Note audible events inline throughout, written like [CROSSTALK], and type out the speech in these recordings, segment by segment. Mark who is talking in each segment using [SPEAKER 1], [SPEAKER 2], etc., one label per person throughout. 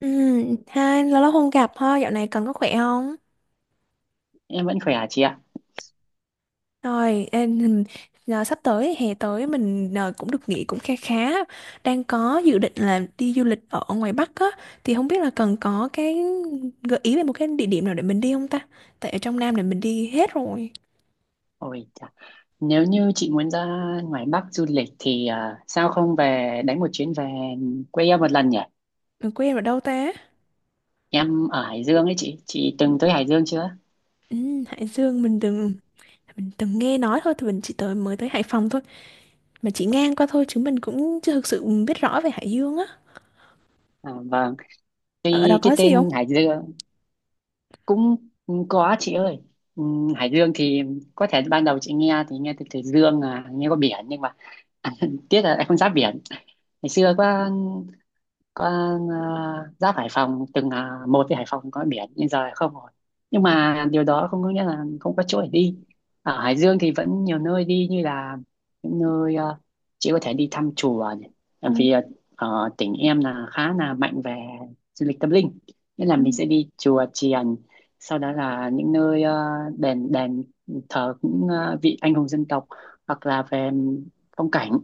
[SPEAKER 1] Ừ, hai lâu lắm không gặp ha, dạo này cần có khỏe không?
[SPEAKER 2] Em vẫn khỏe hả chị ạ?
[SPEAKER 1] Rồi, ê, giờ sắp tới hè tới mình cũng được nghỉ cũng kha khá, đang có dự định là đi du lịch ở ngoài Bắc á, thì không biết là cần có cái gợi ý về một cái địa điểm nào để mình đi không ta? Tại ở trong Nam này mình đi hết rồi,
[SPEAKER 2] Ôi chà. Nếu như chị muốn ra ngoài Bắc du lịch thì sao không về đánh một chuyến về quê em một lần nhỉ?
[SPEAKER 1] mình quên ở đâu ta?
[SPEAKER 2] Em ở Hải Dương ấy chị từng tới Hải Dương chưa?
[SPEAKER 1] Ừ, Hải Dương mình từng nghe nói thôi, thì mình chỉ tới mới tới Hải Phòng thôi, mà chỉ ngang qua thôi chứ mình cũng chưa thực sự biết rõ về Hải Dương á.
[SPEAKER 2] À, vâng,
[SPEAKER 1] Ở đó
[SPEAKER 2] tuy cái
[SPEAKER 1] có gì không?
[SPEAKER 2] tên Hải Dương cũng có chị ơi. Hải Dương thì có thể ban đầu chị nghe thì nghe từ Dương à, nghe có biển nhưng mà [LAUGHS] tiếc là em không giáp biển. Ngày xưa có. Con giáp Hải Phòng, từng là một với Hải Phòng có biển nhưng giờ không rồi, nhưng mà điều đó không có nghĩa là không có chỗ để đi. Ở Hải Dương thì vẫn nhiều nơi đi, như là những nơi chị có thể đi thăm chùa này.
[SPEAKER 1] Ờ,
[SPEAKER 2] Tại vì ở tỉnh em là khá là mạnh về du lịch tâm linh, nên là
[SPEAKER 1] ừ.
[SPEAKER 2] mình sẽ đi chùa chiền, sau đó là những nơi đền đền thờ những vị anh hùng dân tộc, hoặc là về phong cảnh.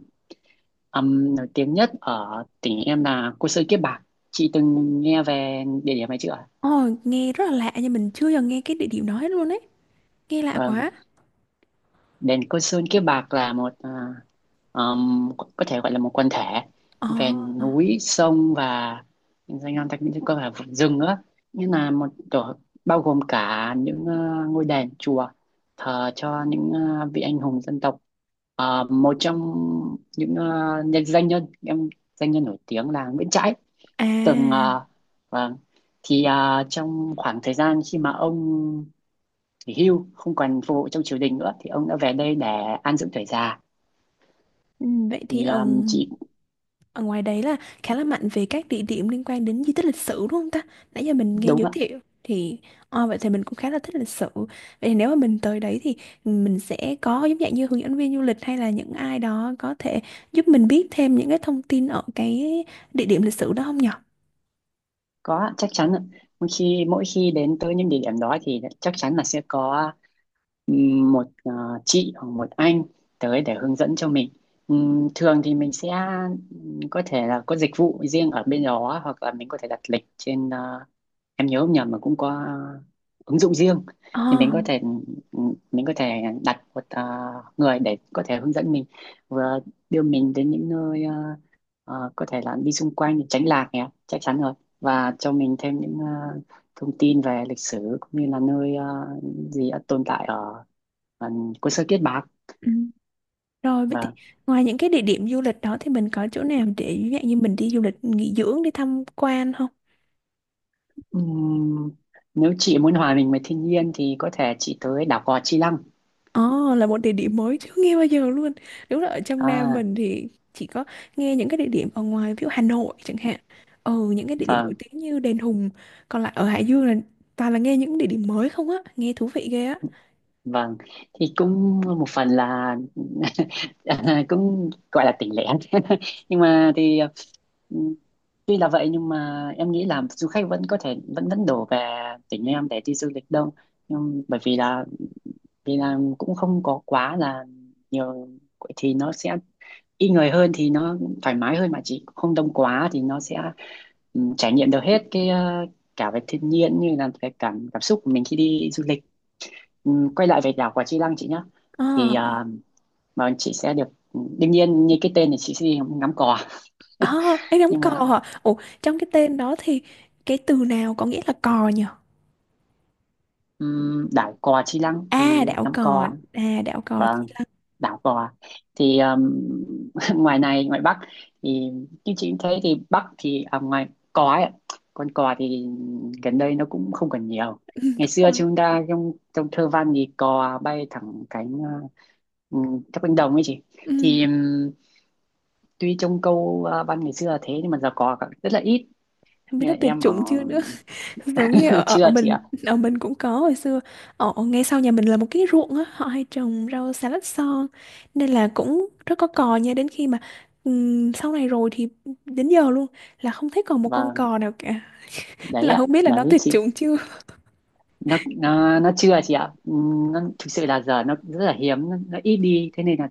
[SPEAKER 2] Nổi tiếng nhất ở tỉnh em là Côn Sơn Kiếp Bạc. Chị từng nghe về địa điểm này chưa ạ?
[SPEAKER 1] Ồ, nghe rất là lạ nhưng mình chưa giờ nghe cái địa điểm đó hết luôn ấy. Nghe lạ
[SPEAKER 2] Vâng,
[SPEAKER 1] quá.
[SPEAKER 2] đền Côn Sơn Kiếp Bạc là có thể gọi là một quần thể
[SPEAKER 1] Ồ,
[SPEAKER 2] về núi, sông và danh lam thắng cảnh, có cả vùng rừng nữa. Như là một tổ bao gồm cả những ngôi đền chùa thờ cho những vị anh hùng dân tộc. Một trong những nhân danh nhân em danh nhân nổi tiếng là Nguyễn Trãi, từng
[SPEAKER 1] à,
[SPEAKER 2] vâng, trong khoảng thời gian khi mà ông nghỉ hưu, không còn phục vụ trong triều đình nữa, thì ông đã về đây để an dưỡng tuổi già.
[SPEAKER 1] ừ, vậy thì ông
[SPEAKER 2] Chị
[SPEAKER 1] ở ngoài đấy là khá là mạnh về các địa điểm liên quan đến di tích lịch sử đúng không ta? Nãy giờ mình nghe
[SPEAKER 2] đúng
[SPEAKER 1] giới
[SPEAKER 2] ạ.
[SPEAKER 1] thiệu thì ồ, vậy thì mình cũng khá là thích lịch sử. Vậy thì nếu mà mình tới đấy thì mình sẽ có giống dạng như hướng dẫn viên du lịch hay là những ai đó có thể giúp mình biết thêm những cái thông tin ở cái địa điểm lịch sử đó không nhở?
[SPEAKER 2] Có ạ, chắc chắn ạ. Mỗi khi đến tới những địa điểm đó thì chắc chắn là sẽ có một chị hoặc một anh tới để hướng dẫn cho mình. Thường thì mình sẽ có thể là có dịch vụ riêng ở bên đó, hoặc là mình có thể đặt lịch trên em nhớ không nhầm mà cũng có ứng dụng riêng, thì mình có thể đặt một người để có thể hướng dẫn mình, vừa đưa mình đến những nơi có thể là đi xung quanh để tránh lạc nhé, chắc chắn rồi, và cho mình thêm những thông tin về lịch sử, cũng như là nơi gì đã tồn tại ở cô Sơ Kiết Bạc.
[SPEAKER 1] Ồ. Rồi vậy thì
[SPEAKER 2] Và
[SPEAKER 1] ngoài những cái địa điểm du lịch đó thì mình có chỗ nào để ví dụ như mình đi du lịch nghỉ dưỡng đi tham quan không?
[SPEAKER 2] ừm, nếu chị muốn hòa mình với thiên nhiên thì có thể chị tới đảo Gò Chi Lăng.
[SPEAKER 1] Ồ, là một địa điểm mới chưa nghe bao giờ luôn. Đúng là ở trong Nam
[SPEAKER 2] à
[SPEAKER 1] mình thì chỉ có nghe những cái địa điểm ở ngoài ví dụ Hà Nội chẳng hạn. Ừ, những cái địa điểm nổi
[SPEAKER 2] vâng,
[SPEAKER 1] tiếng như Đền Hùng. Còn lại ở Hải Dương là toàn là nghe những địa điểm mới không á, nghe thú vị ghê á.
[SPEAKER 2] vâng, thì cũng một phần là [LAUGHS] cũng gọi là tỉnh lẻ, [LAUGHS] nhưng mà thì ừ, tuy là vậy nhưng mà em nghĩ là du khách vẫn có thể vẫn vẫn đổ về tỉnh em để đi du lịch đông, nhưng bởi vì là cũng không có quá là nhiều, thì nó sẽ ít người hơn, thì nó thoải mái hơn, mà chỉ không đông quá thì nó sẽ trải nghiệm được hết cái cả về thiên nhiên như là cái cảm cảm xúc của mình khi đi du lịch. Quay lại về đảo quả Chi Lăng chị nhé,
[SPEAKER 1] Ờ,
[SPEAKER 2] thì à, mà chị sẽ được đương nhiên như cái tên thì chị sẽ đi ngắm cò,
[SPEAKER 1] à, em đóng
[SPEAKER 2] nhưng
[SPEAKER 1] cò
[SPEAKER 2] mà
[SPEAKER 1] hả? Ủa trong cái tên đó thì cái từ nào có nghĩa là cò nhỉ?
[SPEAKER 2] đảo cò Chi Lăng thì ngắm cò,
[SPEAKER 1] À đảo cò
[SPEAKER 2] và
[SPEAKER 1] chỉ là
[SPEAKER 2] đảo cò thì [LAUGHS] ngoài này ngoài Bắc thì như chị cũng thấy thì Bắc thì ngoài cò ấy, con cò thì gần đây nó cũng không còn nhiều.
[SPEAKER 1] ừ, [LAUGHS]
[SPEAKER 2] Ngày
[SPEAKER 1] đúng
[SPEAKER 2] xưa
[SPEAKER 1] rồi.
[SPEAKER 2] chúng ta trong trong thơ văn thì cò bay thẳng cánh, các cánh đồng ấy chị,
[SPEAKER 1] Ừ.
[SPEAKER 2] thì tuy trông câu văn ngày xưa là thế nhưng mà giờ có rất là ít.
[SPEAKER 1] Không biết
[SPEAKER 2] Như
[SPEAKER 1] nó
[SPEAKER 2] là
[SPEAKER 1] tuyệt
[SPEAKER 2] em ở
[SPEAKER 1] chủng chưa nữa. [LAUGHS] Giống như ở,
[SPEAKER 2] [LAUGHS]
[SPEAKER 1] ở ở
[SPEAKER 2] chưa chị
[SPEAKER 1] mình,
[SPEAKER 2] ạ.
[SPEAKER 1] ở mình cũng có hồi xưa, ở ngay sau nhà mình là một cái ruộng á, họ hay trồng rau xà lách son nên là cũng rất có cò nha, đến khi mà sau này rồi thì đến giờ luôn là không thấy còn một con
[SPEAKER 2] Và
[SPEAKER 1] cò nào cả,
[SPEAKER 2] đấy
[SPEAKER 1] là
[SPEAKER 2] ạ,
[SPEAKER 1] không biết là nó
[SPEAKER 2] đấy
[SPEAKER 1] tuyệt
[SPEAKER 2] chị,
[SPEAKER 1] chủng chưa.
[SPEAKER 2] nó chưa chị ạ. Nó thực sự là giờ nó rất là hiếm, nó ít đi, thế nên là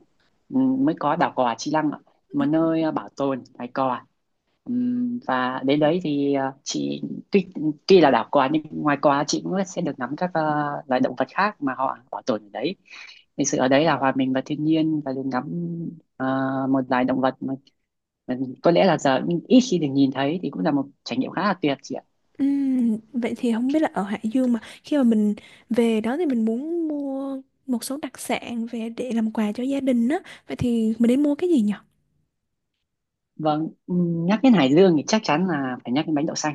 [SPEAKER 2] mới có đảo cò Chi Lăng ạ, một nơi bảo tồn loài cò. Và đến đấy thì chị tuy tuy là đảo cò nhưng ngoài cò chị cũng sẽ được ngắm các loài động vật khác mà họ bảo tồn ở đấy. Thực sự ở đấy là hòa mình vào thiên nhiên và được ngắm à, một loài động vật Ừ, có lẽ là giờ ít khi được nhìn thấy, thì cũng là một trải nghiệm khá là tuyệt chị ạ.
[SPEAKER 1] Vậy thì không biết là ở Hải Dương mà khi mà mình về đó thì mình muốn mua một số đặc sản về để làm quà cho gia đình á, vậy thì mình nên mua cái gì nhỉ?
[SPEAKER 2] Vâng, nhắc đến Hải Dương thì chắc chắn là phải nhắc đến bánh đậu xanh.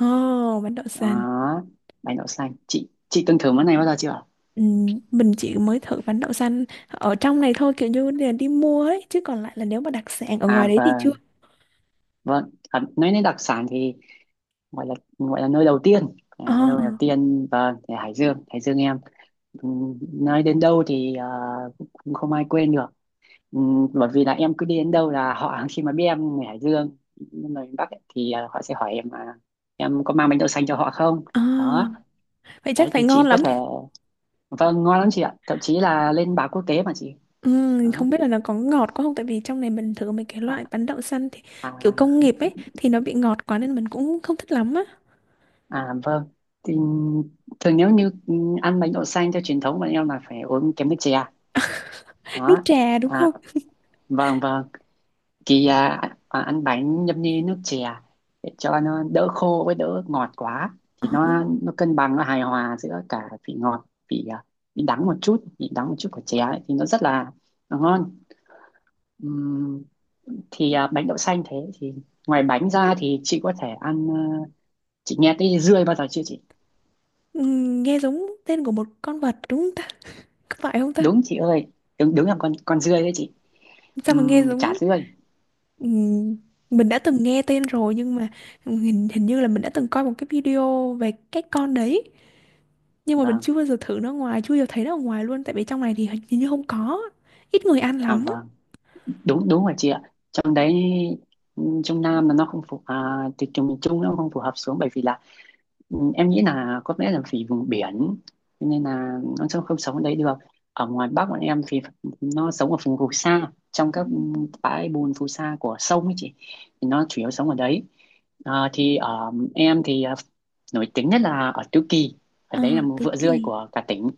[SPEAKER 1] Ồ, bánh đậu xanh.
[SPEAKER 2] Đó, bánh đậu xanh, chị từng thử món này bao giờ chưa?
[SPEAKER 1] Ừ, mình chỉ mới thử bánh đậu xanh ở trong này thôi kiểu như là đi mua ấy, chứ còn lại là nếu mà đặc sản ở
[SPEAKER 2] À,
[SPEAKER 1] ngoài đấy thì chưa.
[SPEAKER 2] vâng, vâng, nói đến đặc sản thì gọi là nơi đầu tiên,
[SPEAKER 1] Ờ,
[SPEAKER 2] nơi đầu tiên, vâng, thì Hải Dương, em nói đến đâu thì cũng cũng không ai quên được. Ừ, Bởi vì là em cứ đi đến đâu là họ, khi mà biết em người Hải Dương, người miền Bắc ấy, thì họ sẽ hỏi em là em có mang bánh đậu xanh cho họ không.
[SPEAKER 1] ờ,
[SPEAKER 2] Đó,
[SPEAKER 1] vậy chắc
[SPEAKER 2] đấy
[SPEAKER 1] phải
[SPEAKER 2] thì
[SPEAKER 1] ngon
[SPEAKER 2] chị có
[SPEAKER 1] lắm.
[SPEAKER 2] thể, vâng, ngon lắm chị ạ, thậm chí là lên báo quốc tế mà chị.
[SPEAKER 1] Ừ,
[SPEAKER 2] Đó.
[SPEAKER 1] không biết là nó có ngọt quá không, tại vì trong này mình thử mấy cái
[SPEAKER 2] à,
[SPEAKER 1] loại bánh đậu xanh thì
[SPEAKER 2] à,
[SPEAKER 1] kiểu công nghiệp ấy thì nó bị ngọt quá nên mình cũng không thích lắm á.
[SPEAKER 2] vâng, thì thường nếu như ăn bánh đậu xanh theo truyền thống bọn em là phải uống kèm nước chè.
[SPEAKER 1] Nước
[SPEAKER 2] Đó.
[SPEAKER 1] trà đúng không?
[SPEAKER 2] à, vâng, vâng, thì à, ăn bánh nhâm nhi nước chè để cho nó đỡ khô với đỡ ngọt quá,
[SPEAKER 1] Ờ,
[SPEAKER 2] thì nó cân bằng, nó hài hòa giữa cả vị ngọt, vị vị đắng một chút của chè ấy, thì nó rất là ngon. Ừm, Bánh đậu xanh thế thì ngoài bánh ra thì chị có thể ăn chị nghe tới dươi bao giờ chưa chị?
[SPEAKER 1] ừ, nghe giống tên của một con vật đúng không ta, có phải không ta?
[SPEAKER 2] Đúng chị ơi, đúng đúng là con dươi đấy chị.
[SPEAKER 1] Sao mà nghe
[SPEAKER 2] Chả
[SPEAKER 1] giống.
[SPEAKER 2] dươi.
[SPEAKER 1] Ừm, mình đã từng nghe tên rồi nhưng mà hình như là mình đã từng coi một cái video về cái con đấy, nhưng mà mình
[SPEAKER 2] Vâng,
[SPEAKER 1] chưa bao giờ thử nó ngoài, chưa bao giờ thấy nó ở ngoài luôn, tại vì trong này thì hình như không có, ít người ăn lắm.
[SPEAKER 2] vâng, đúng đúng rồi chị ạ. Trong đấy, trong Nam là nó không thì trường miền Trung nó không phù hợp xuống, bởi vì là em nghĩ là có lẽ là vì vùng biển, cho nên là nó sẽ không sống ở đấy được. Ở ngoài Bắc bọn em thì nó sống ở vùng phù sa, trong các bãi bùn phù sa của sông ấy chị, thì nó chủ yếu sống ở đấy. Thì ở em thì nổi tiếng nhất là ở Tứ Kỳ, ở
[SPEAKER 1] À,
[SPEAKER 2] đấy là một
[SPEAKER 1] Tứ
[SPEAKER 2] vựa
[SPEAKER 1] Kỳ.
[SPEAKER 2] dươi của cả tỉnh.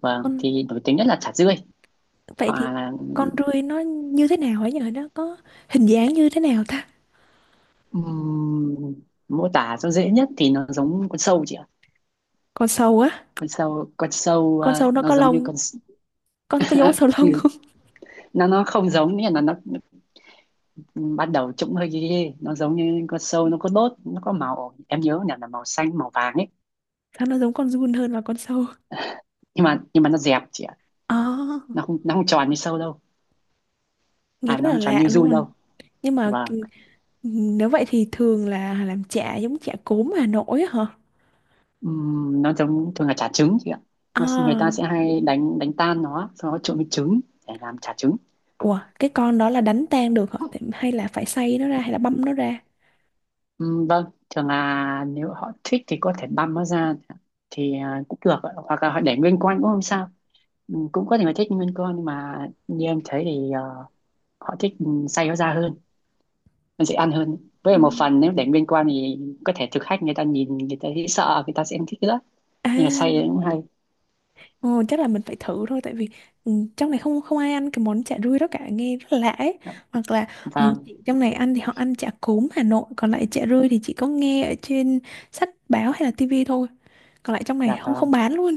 [SPEAKER 2] Vâng,
[SPEAKER 1] Con,
[SPEAKER 2] thì nổi tiếng nhất là chả dươi,
[SPEAKER 1] vậy thì
[SPEAKER 2] hoặc là
[SPEAKER 1] con rươi nó như thế nào ấy nhỉ, nó có hình dáng như thế nào ta?
[SPEAKER 2] Ừm, mô tả cho dễ nhất thì nó giống con sâu chị ạ.
[SPEAKER 1] Con sâu á?
[SPEAKER 2] Con sâu,
[SPEAKER 1] Con sâu nó
[SPEAKER 2] nó
[SPEAKER 1] có
[SPEAKER 2] giống như
[SPEAKER 1] lông, con có giống con
[SPEAKER 2] [LAUGHS]
[SPEAKER 1] sâu lông
[SPEAKER 2] như-
[SPEAKER 1] không?
[SPEAKER 2] nó không giống, nghĩa là nó bắt đầu trông hơi ghê ghê. Nó giống như con sâu, nó có đốt, nó có màu, em nhớ là màu xanh, màu vàng ấy.
[SPEAKER 1] [LAUGHS] Sao nó giống con giun hơn là con sâu.
[SPEAKER 2] Nhưng mà nó dẹp chị ạ,
[SPEAKER 1] À,
[SPEAKER 2] nó không tròn như sâu đâu.
[SPEAKER 1] nghe rất
[SPEAKER 2] Nó
[SPEAKER 1] là
[SPEAKER 2] không tròn
[SPEAKER 1] lạ
[SPEAKER 2] như giun
[SPEAKER 1] luôn.
[SPEAKER 2] đâu.
[SPEAKER 1] nhưng mà
[SPEAKER 2] Và
[SPEAKER 1] k- nếu vậy thì thường là làm chả giống chả cốm Hà Nội á hả?
[SPEAKER 2] nó giống, thường là chả trứng chị ạ. Nó, người ta sẽ
[SPEAKER 1] À,
[SPEAKER 2] hay đánh đánh tan nó, sau đó trộn với trứng để làm chả trứng.
[SPEAKER 1] ủa cái con đó là đánh tan được hả? Hay là phải xay nó ra hay là băm nó ra?
[SPEAKER 2] Ừ, vâng, thường là nếu họ thích thì có thể băm nó ra thì cũng được ạ. Hoặc là họ để nguyên con cũng không sao. Cũng có thể là thích nguyên con, nhưng mà như em thấy thì họ thích, xay nó ra hơn, nó dễ ăn hơn, với lại
[SPEAKER 1] Ừ.
[SPEAKER 2] một phần nếu để nguyên con thì có thể thực khách người ta nhìn, người ta thấy sợ, người ta sẽ không thích nữa, nhưng là xay thì
[SPEAKER 1] À,
[SPEAKER 2] cũng hay.
[SPEAKER 1] ồ, chắc là mình phải thử thôi, tại vì ừ, trong này không, không ai ăn cái món chả rươi đó cả, nghe rất là lạ ấy. Hoặc là ừ,
[SPEAKER 2] Vâng.
[SPEAKER 1] chị trong này ăn thì họ ăn chả cốm Hà Nội, còn lại chả rươi thì chỉ có nghe ở trên sách báo hay là tivi thôi, còn lại trong
[SPEAKER 2] Dạ
[SPEAKER 1] này không, không
[SPEAKER 2] vâng,
[SPEAKER 1] bán luôn.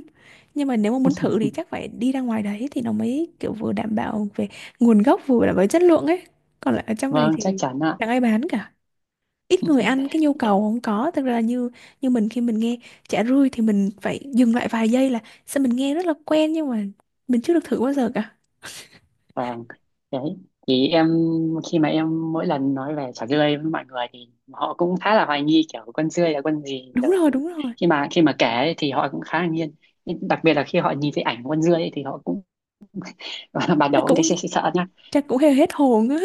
[SPEAKER 1] Nhưng mà nếu mà muốn thử thì chắc phải đi ra ngoài đấy thì nó mới kiểu vừa đảm bảo về nguồn gốc vừa đảm bảo chất lượng ấy, còn lại ở trong này
[SPEAKER 2] vâng, chắc
[SPEAKER 1] thì
[SPEAKER 2] chắn ạ.
[SPEAKER 1] chẳng ai bán cả, ít người ăn, cái nhu cầu không có, thực ra là như, như mình khi mình nghe chả rươi thì mình phải dừng lại vài giây là sao mình nghe rất là quen nhưng mà mình chưa được thử bao giờ cả.
[SPEAKER 2] Vâng, đấy. Thì em, khi mà em mỗi lần nói về chả dươi với mọi người thì họ cũng khá là hoài nghi, kiểu con dươi là con gì,
[SPEAKER 1] Đúng
[SPEAKER 2] rồi
[SPEAKER 1] rồi, đúng rồi.
[SPEAKER 2] khi mà kể ấy thì họ cũng khá là nghiêng. Nhưng đặc biệt là khi họ nhìn thấy ảnh con dươi ấy thì họ cũng [LAUGHS] ban
[SPEAKER 1] Chắc
[SPEAKER 2] đầu cũng thấy [LAUGHS]
[SPEAKER 1] cũng,
[SPEAKER 2] sợ sợ sợ nhá,
[SPEAKER 1] chắc cũng hơi hết hồn á.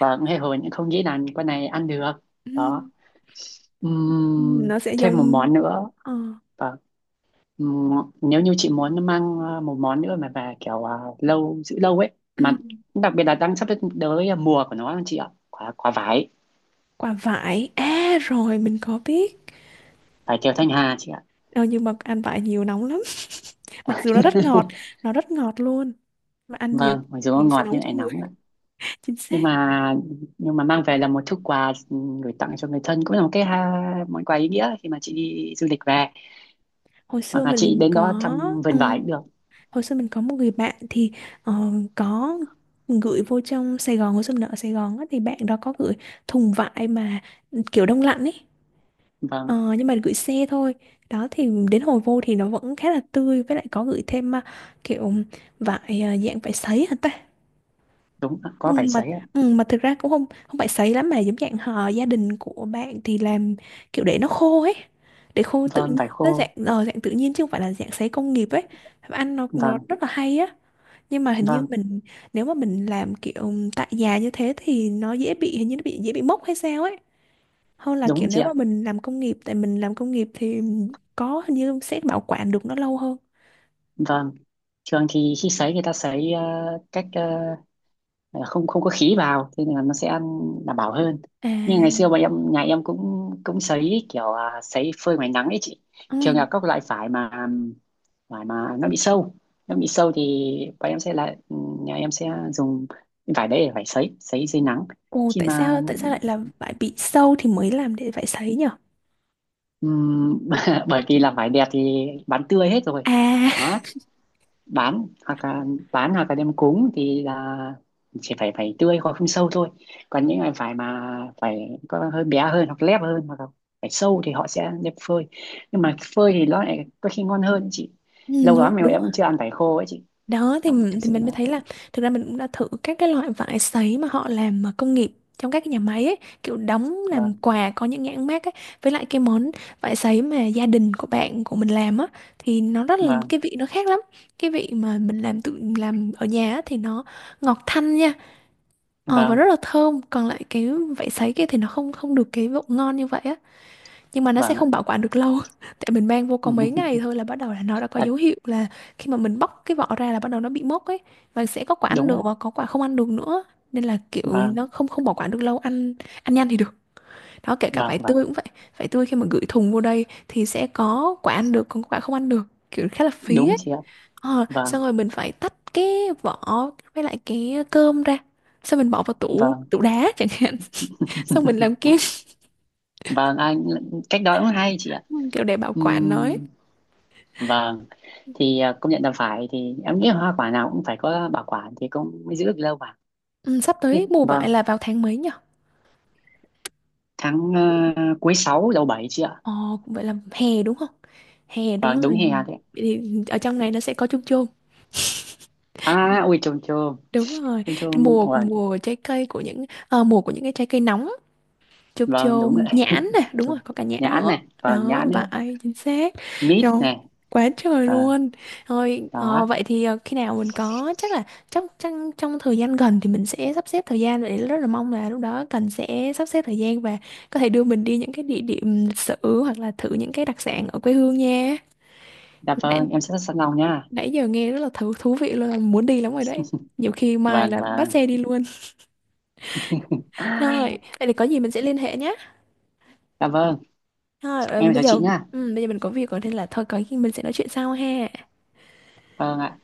[SPEAKER 2] và cũng hay hồi những không nghĩ là con này ăn được.
[SPEAKER 1] Ừ,
[SPEAKER 2] Đó.
[SPEAKER 1] nó sẽ
[SPEAKER 2] Thêm một
[SPEAKER 1] giống
[SPEAKER 2] món nữa.
[SPEAKER 1] ờ,
[SPEAKER 2] Vâng. Ừm, Nếu như chị muốn mang một món nữa mà về kiểu lâu, giữ lâu ấy,
[SPEAKER 1] ừ,
[SPEAKER 2] mà đặc biệt là đang sắp tới là mùa của nó chị ạ, quả quả vải,
[SPEAKER 1] quả vải à, rồi mình có biết.
[SPEAKER 2] vải thiều Thanh Hà chị ạ.
[SPEAKER 1] Ờ, nhưng mà ăn vải nhiều nóng lắm, [LAUGHS] mặc dù nó rất ngọt,
[SPEAKER 2] [LAUGHS]
[SPEAKER 1] nó rất ngọt luôn, mà ăn nhiều
[SPEAKER 2] Vâng, mặc dù nó
[SPEAKER 1] thì sẽ
[SPEAKER 2] ngọt
[SPEAKER 1] nóng
[SPEAKER 2] nhưng lại
[SPEAKER 1] trong người.
[SPEAKER 2] nóng ạ.
[SPEAKER 1] [LAUGHS] Chính
[SPEAKER 2] nhưng
[SPEAKER 1] xác.
[SPEAKER 2] mà nhưng mà mang về là một thứ quà gửi tặng cho người thân cũng là một cái ha, món quà ý nghĩa khi mà chị đi du lịch về,
[SPEAKER 1] Hồi xưa
[SPEAKER 2] hoặc là chị
[SPEAKER 1] mình
[SPEAKER 2] đến
[SPEAKER 1] có
[SPEAKER 2] đó thăm vườn vải cũng
[SPEAKER 1] ừm,
[SPEAKER 2] được.
[SPEAKER 1] hồi xưa mình có một người bạn thì có gửi vô trong Sài Gòn, hồi xưa mình ở Sài Gòn á, thì bạn đó có gửi thùng vải mà ừ, kiểu đông lạnh ấy.
[SPEAKER 2] Vâng.
[SPEAKER 1] Ờ, nhưng mà gửi xe thôi, đó thì đến hồi vô thì nó vẫn khá là tươi, với lại có gửi thêm kiểu vải à, dạng vải sấy hả ta?
[SPEAKER 2] Đúng ạ,
[SPEAKER 1] Ừ,
[SPEAKER 2] có vải
[SPEAKER 1] mà
[SPEAKER 2] sấy ạ.
[SPEAKER 1] ừ, mà thực ra cũng không, không phải sấy lắm mà giống dạng họ gia đình của bạn thì làm kiểu để nó khô ấy, để khô tự
[SPEAKER 2] Vâng,
[SPEAKER 1] nhiên
[SPEAKER 2] vải
[SPEAKER 1] nó dạng
[SPEAKER 2] khô.
[SPEAKER 1] dạng tự nhiên chứ không phải là dạng sấy công nghiệp ấy. Ăn nó
[SPEAKER 2] Vâng,
[SPEAKER 1] rất là hay á. Nhưng mà hình như
[SPEAKER 2] vâng,
[SPEAKER 1] mình, nếu mà mình làm kiểu tại nhà như thế thì nó dễ bị, hình như nó bị dễ bị mốc hay sao ấy, hơn là
[SPEAKER 2] đúng
[SPEAKER 1] kiểu
[SPEAKER 2] chị
[SPEAKER 1] nếu mà
[SPEAKER 2] ạ.
[SPEAKER 1] mình làm công nghiệp, tại mình làm công nghiệp thì có hình như sẽ bảo quản được nó lâu hơn.
[SPEAKER 2] Vâng, thường thì khi sấy người ta sấy cách ờ, không không có khí vào, thế nên là nó sẽ ăn đảm bảo hơn.
[SPEAKER 1] À,
[SPEAKER 2] Nhưng ngày xưa bọn em, nhà em cũng cũng sấy kiểu sấy phơi ngoài nắng ấy chị. Thường là
[SPEAKER 1] ừ.
[SPEAKER 2] các loại vải mà nó bị sâu, nó bị sâu thì bọn em sẽ lại nhà em sẽ dùng cái vải đấy để vải sấy, sấy dưới nắng.
[SPEAKER 1] Ồ,
[SPEAKER 2] Khi
[SPEAKER 1] tại
[SPEAKER 2] mà
[SPEAKER 1] sao, tại sao lại là phải bị sâu thì mới làm để phải sấy nhỉ?
[SPEAKER 2] ừm, [LAUGHS] bởi vì là vải đẹp thì bán tươi hết rồi.
[SPEAKER 1] À,
[SPEAKER 2] Đó, bán hoặc là bán hoặc là đem cúng thì là chỉ phải, phải tươi hoặc không sâu thôi, còn những cái phải mà phải có hơi bé hơn, hoặc lép hơn, hoặc là phải sâu thì họ sẽ đem phơi. Nhưng mà phơi thì nó lại có khi ngon hơn chị, lâu
[SPEAKER 1] nó
[SPEAKER 2] lắm mà
[SPEAKER 1] đúng
[SPEAKER 2] em
[SPEAKER 1] rồi.
[SPEAKER 2] cũng chưa ăn vải khô ấy chị.
[SPEAKER 1] Đó thì
[SPEAKER 2] Đúng, thực
[SPEAKER 1] thì
[SPEAKER 2] sự
[SPEAKER 1] mình
[SPEAKER 2] là
[SPEAKER 1] mới thấy là thực ra mình cũng đã thử các cái loại vải sấy mà họ làm mà công nghiệp trong các cái nhà máy ấy, kiểu đóng làm
[SPEAKER 2] vâng,
[SPEAKER 1] quà có những nhãn mác ấy. Với lại cái món vải sấy mà gia đình của bạn của mình làm á thì nó rất là,
[SPEAKER 2] vâng,
[SPEAKER 1] cái vị nó khác lắm. Cái vị mà mình làm, tự làm ở nhà á, thì nó ngọt thanh nha. Ờ, và rất
[SPEAKER 2] vâng,
[SPEAKER 1] là thơm, còn lại cái vải sấy kia thì nó không, không được cái độ ngon như vậy á. Nhưng mà nó sẽ
[SPEAKER 2] vâng ạ.
[SPEAKER 1] không bảo quản được lâu, [LAUGHS] tại mình mang vô có mấy ngày
[SPEAKER 2] [LAUGHS]
[SPEAKER 1] thôi là bắt đầu là nó đã có
[SPEAKER 2] à,
[SPEAKER 1] dấu hiệu là khi mà mình bóc cái vỏ ra là bắt đầu nó bị mốc ấy, và sẽ có quả ăn
[SPEAKER 2] Đúng
[SPEAKER 1] được
[SPEAKER 2] ạ.
[SPEAKER 1] và có quả không ăn được nữa, nên là kiểu
[SPEAKER 2] Vâng,
[SPEAKER 1] nó không, không bảo quản được lâu, ăn, ăn nhanh thì được. Đó kể cả
[SPEAKER 2] vâng,
[SPEAKER 1] vải
[SPEAKER 2] vâng,
[SPEAKER 1] tươi cũng vậy, vải tươi khi mà gửi thùng vô đây thì sẽ có quả ăn được còn có quả không ăn được, kiểu khá là phí
[SPEAKER 2] đúng
[SPEAKER 1] ấy.
[SPEAKER 2] chị ạ.
[SPEAKER 1] Ờ,
[SPEAKER 2] Vâng,
[SPEAKER 1] xong rồi mình phải tách cái vỏ với lại cái cơm ra, xong mình bỏ vào tủ
[SPEAKER 2] vâng,
[SPEAKER 1] tủ đá chẳng hạn, [LAUGHS] xong mình làm kem,
[SPEAKER 2] vâng anh, cách đó cũng hay chị ạ.
[SPEAKER 1] [LAUGHS] kiểu để bảo quản nó ấy.
[SPEAKER 2] Ừm, vâng, công nhận là phải, thì em nghĩ là hoa quả nào cũng phải có bảo quản thì cũng mới giữ được lâu mà.
[SPEAKER 1] Ừ, sắp
[SPEAKER 2] Thế,
[SPEAKER 1] tới mùa vải
[SPEAKER 2] vâng,
[SPEAKER 1] là vào tháng mấy nhỉ?
[SPEAKER 2] tháng cuối 6 đầu bảy chị ạ.
[SPEAKER 1] Ờ, cũng vậy là hè đúng không? Hè đúng
[SPEAKER 2] Vâng, đúng,
[SPEAKER 1] rồi.
[SPEAKER 2] hè đấy.
[SPEAKER 1] Vậy thì ở trong này nó sẽ có chôm chôm.
[SPEAKER 2] À ui, chôm chôm,
[SPEAKER 1] Đúng rồi.
[SPEAKER 2] chôm chôm,
[SPEAKER 1] Mùa,
[SPEAKER 2] vâng,
[SPEAKER 1] mùa trái cây của những mùa của những cái trái cây nóng, chôm
[SPEAKER 2] vâng, đúng rồi.
[SPEAKER 1] chôm nhãn
[SPEAKER 2] [LAUGHS]
[SPEAKER 1] nè, đúng rồi
[SPEAKER 2] Chôm,
[SPEAKER 1] có cả nhãn
[SPEAKER 2] nhãn
[SPEAKER 1] nữa.
[SPEAKER 2] này, vâng,
[SPEAKER 1] Đó
[SPEAKER 2] nhãn nữa,
[SPEAKER 1] vải chính xác.
[SPEAKER 2] mít
[SPEAKER 1] Rồi,
[SPEAKER 2] này,
[SPEAKER 1] quá trời
[SPEAKER 2] vâng.
[SPEAKER 1] luôn. Rồi
[SPEAKER 2] Đó.
[SPEAKER 1] ờ, vậy thì ờ, khi nào mình có chắc là trong trong trong thời gian gần thì mình sẽ sắp xếp thời gian để, rất là mong là lúc đó cần sẽ sắp xếp thời gian và có thể đưa mình đi những cái địa điểm lịch sử hoặc là thử những cái đặc sản ở quê hương nha.
[SPEAKER 2] Dạ
[SPEAKER 1] nãy,
[SPEAKER 2] vâng, em sẽ sẵn lòng nha.
[SPEAKER 1] nãy giờ nghe rất là thú thú vị luôn, muốn đi lắm rồi đấy, nhiều khi mai
[SPEAKER 2] Vâng,
[SPEAKER 1] là bắt
[SPEAKER 2] vâng.
[SPEAKER 1] xe đi luôn. Rồi
[SPEAKER 2] [LAUGHS]
[SPEAKER 1] vậy thì có gì mình sẽ liên hệ nhé.
[SPEAKER 2] Dạ vâng,
[SPEAKER 1] Thôi, ờ,
[SPEAKER 2] em
[SPEAKER 1] bây
[SPEAKER 2] chào chị
[SPEAKER 1] giờ
[SPEAKER 2] nha.
[SPEAKER 1] ừ, bây giờ mình có việc rồi nên là thôi, có khi mình sẽ nói chuyện sau ha.
[SPEAKER 2] Vâng ạ.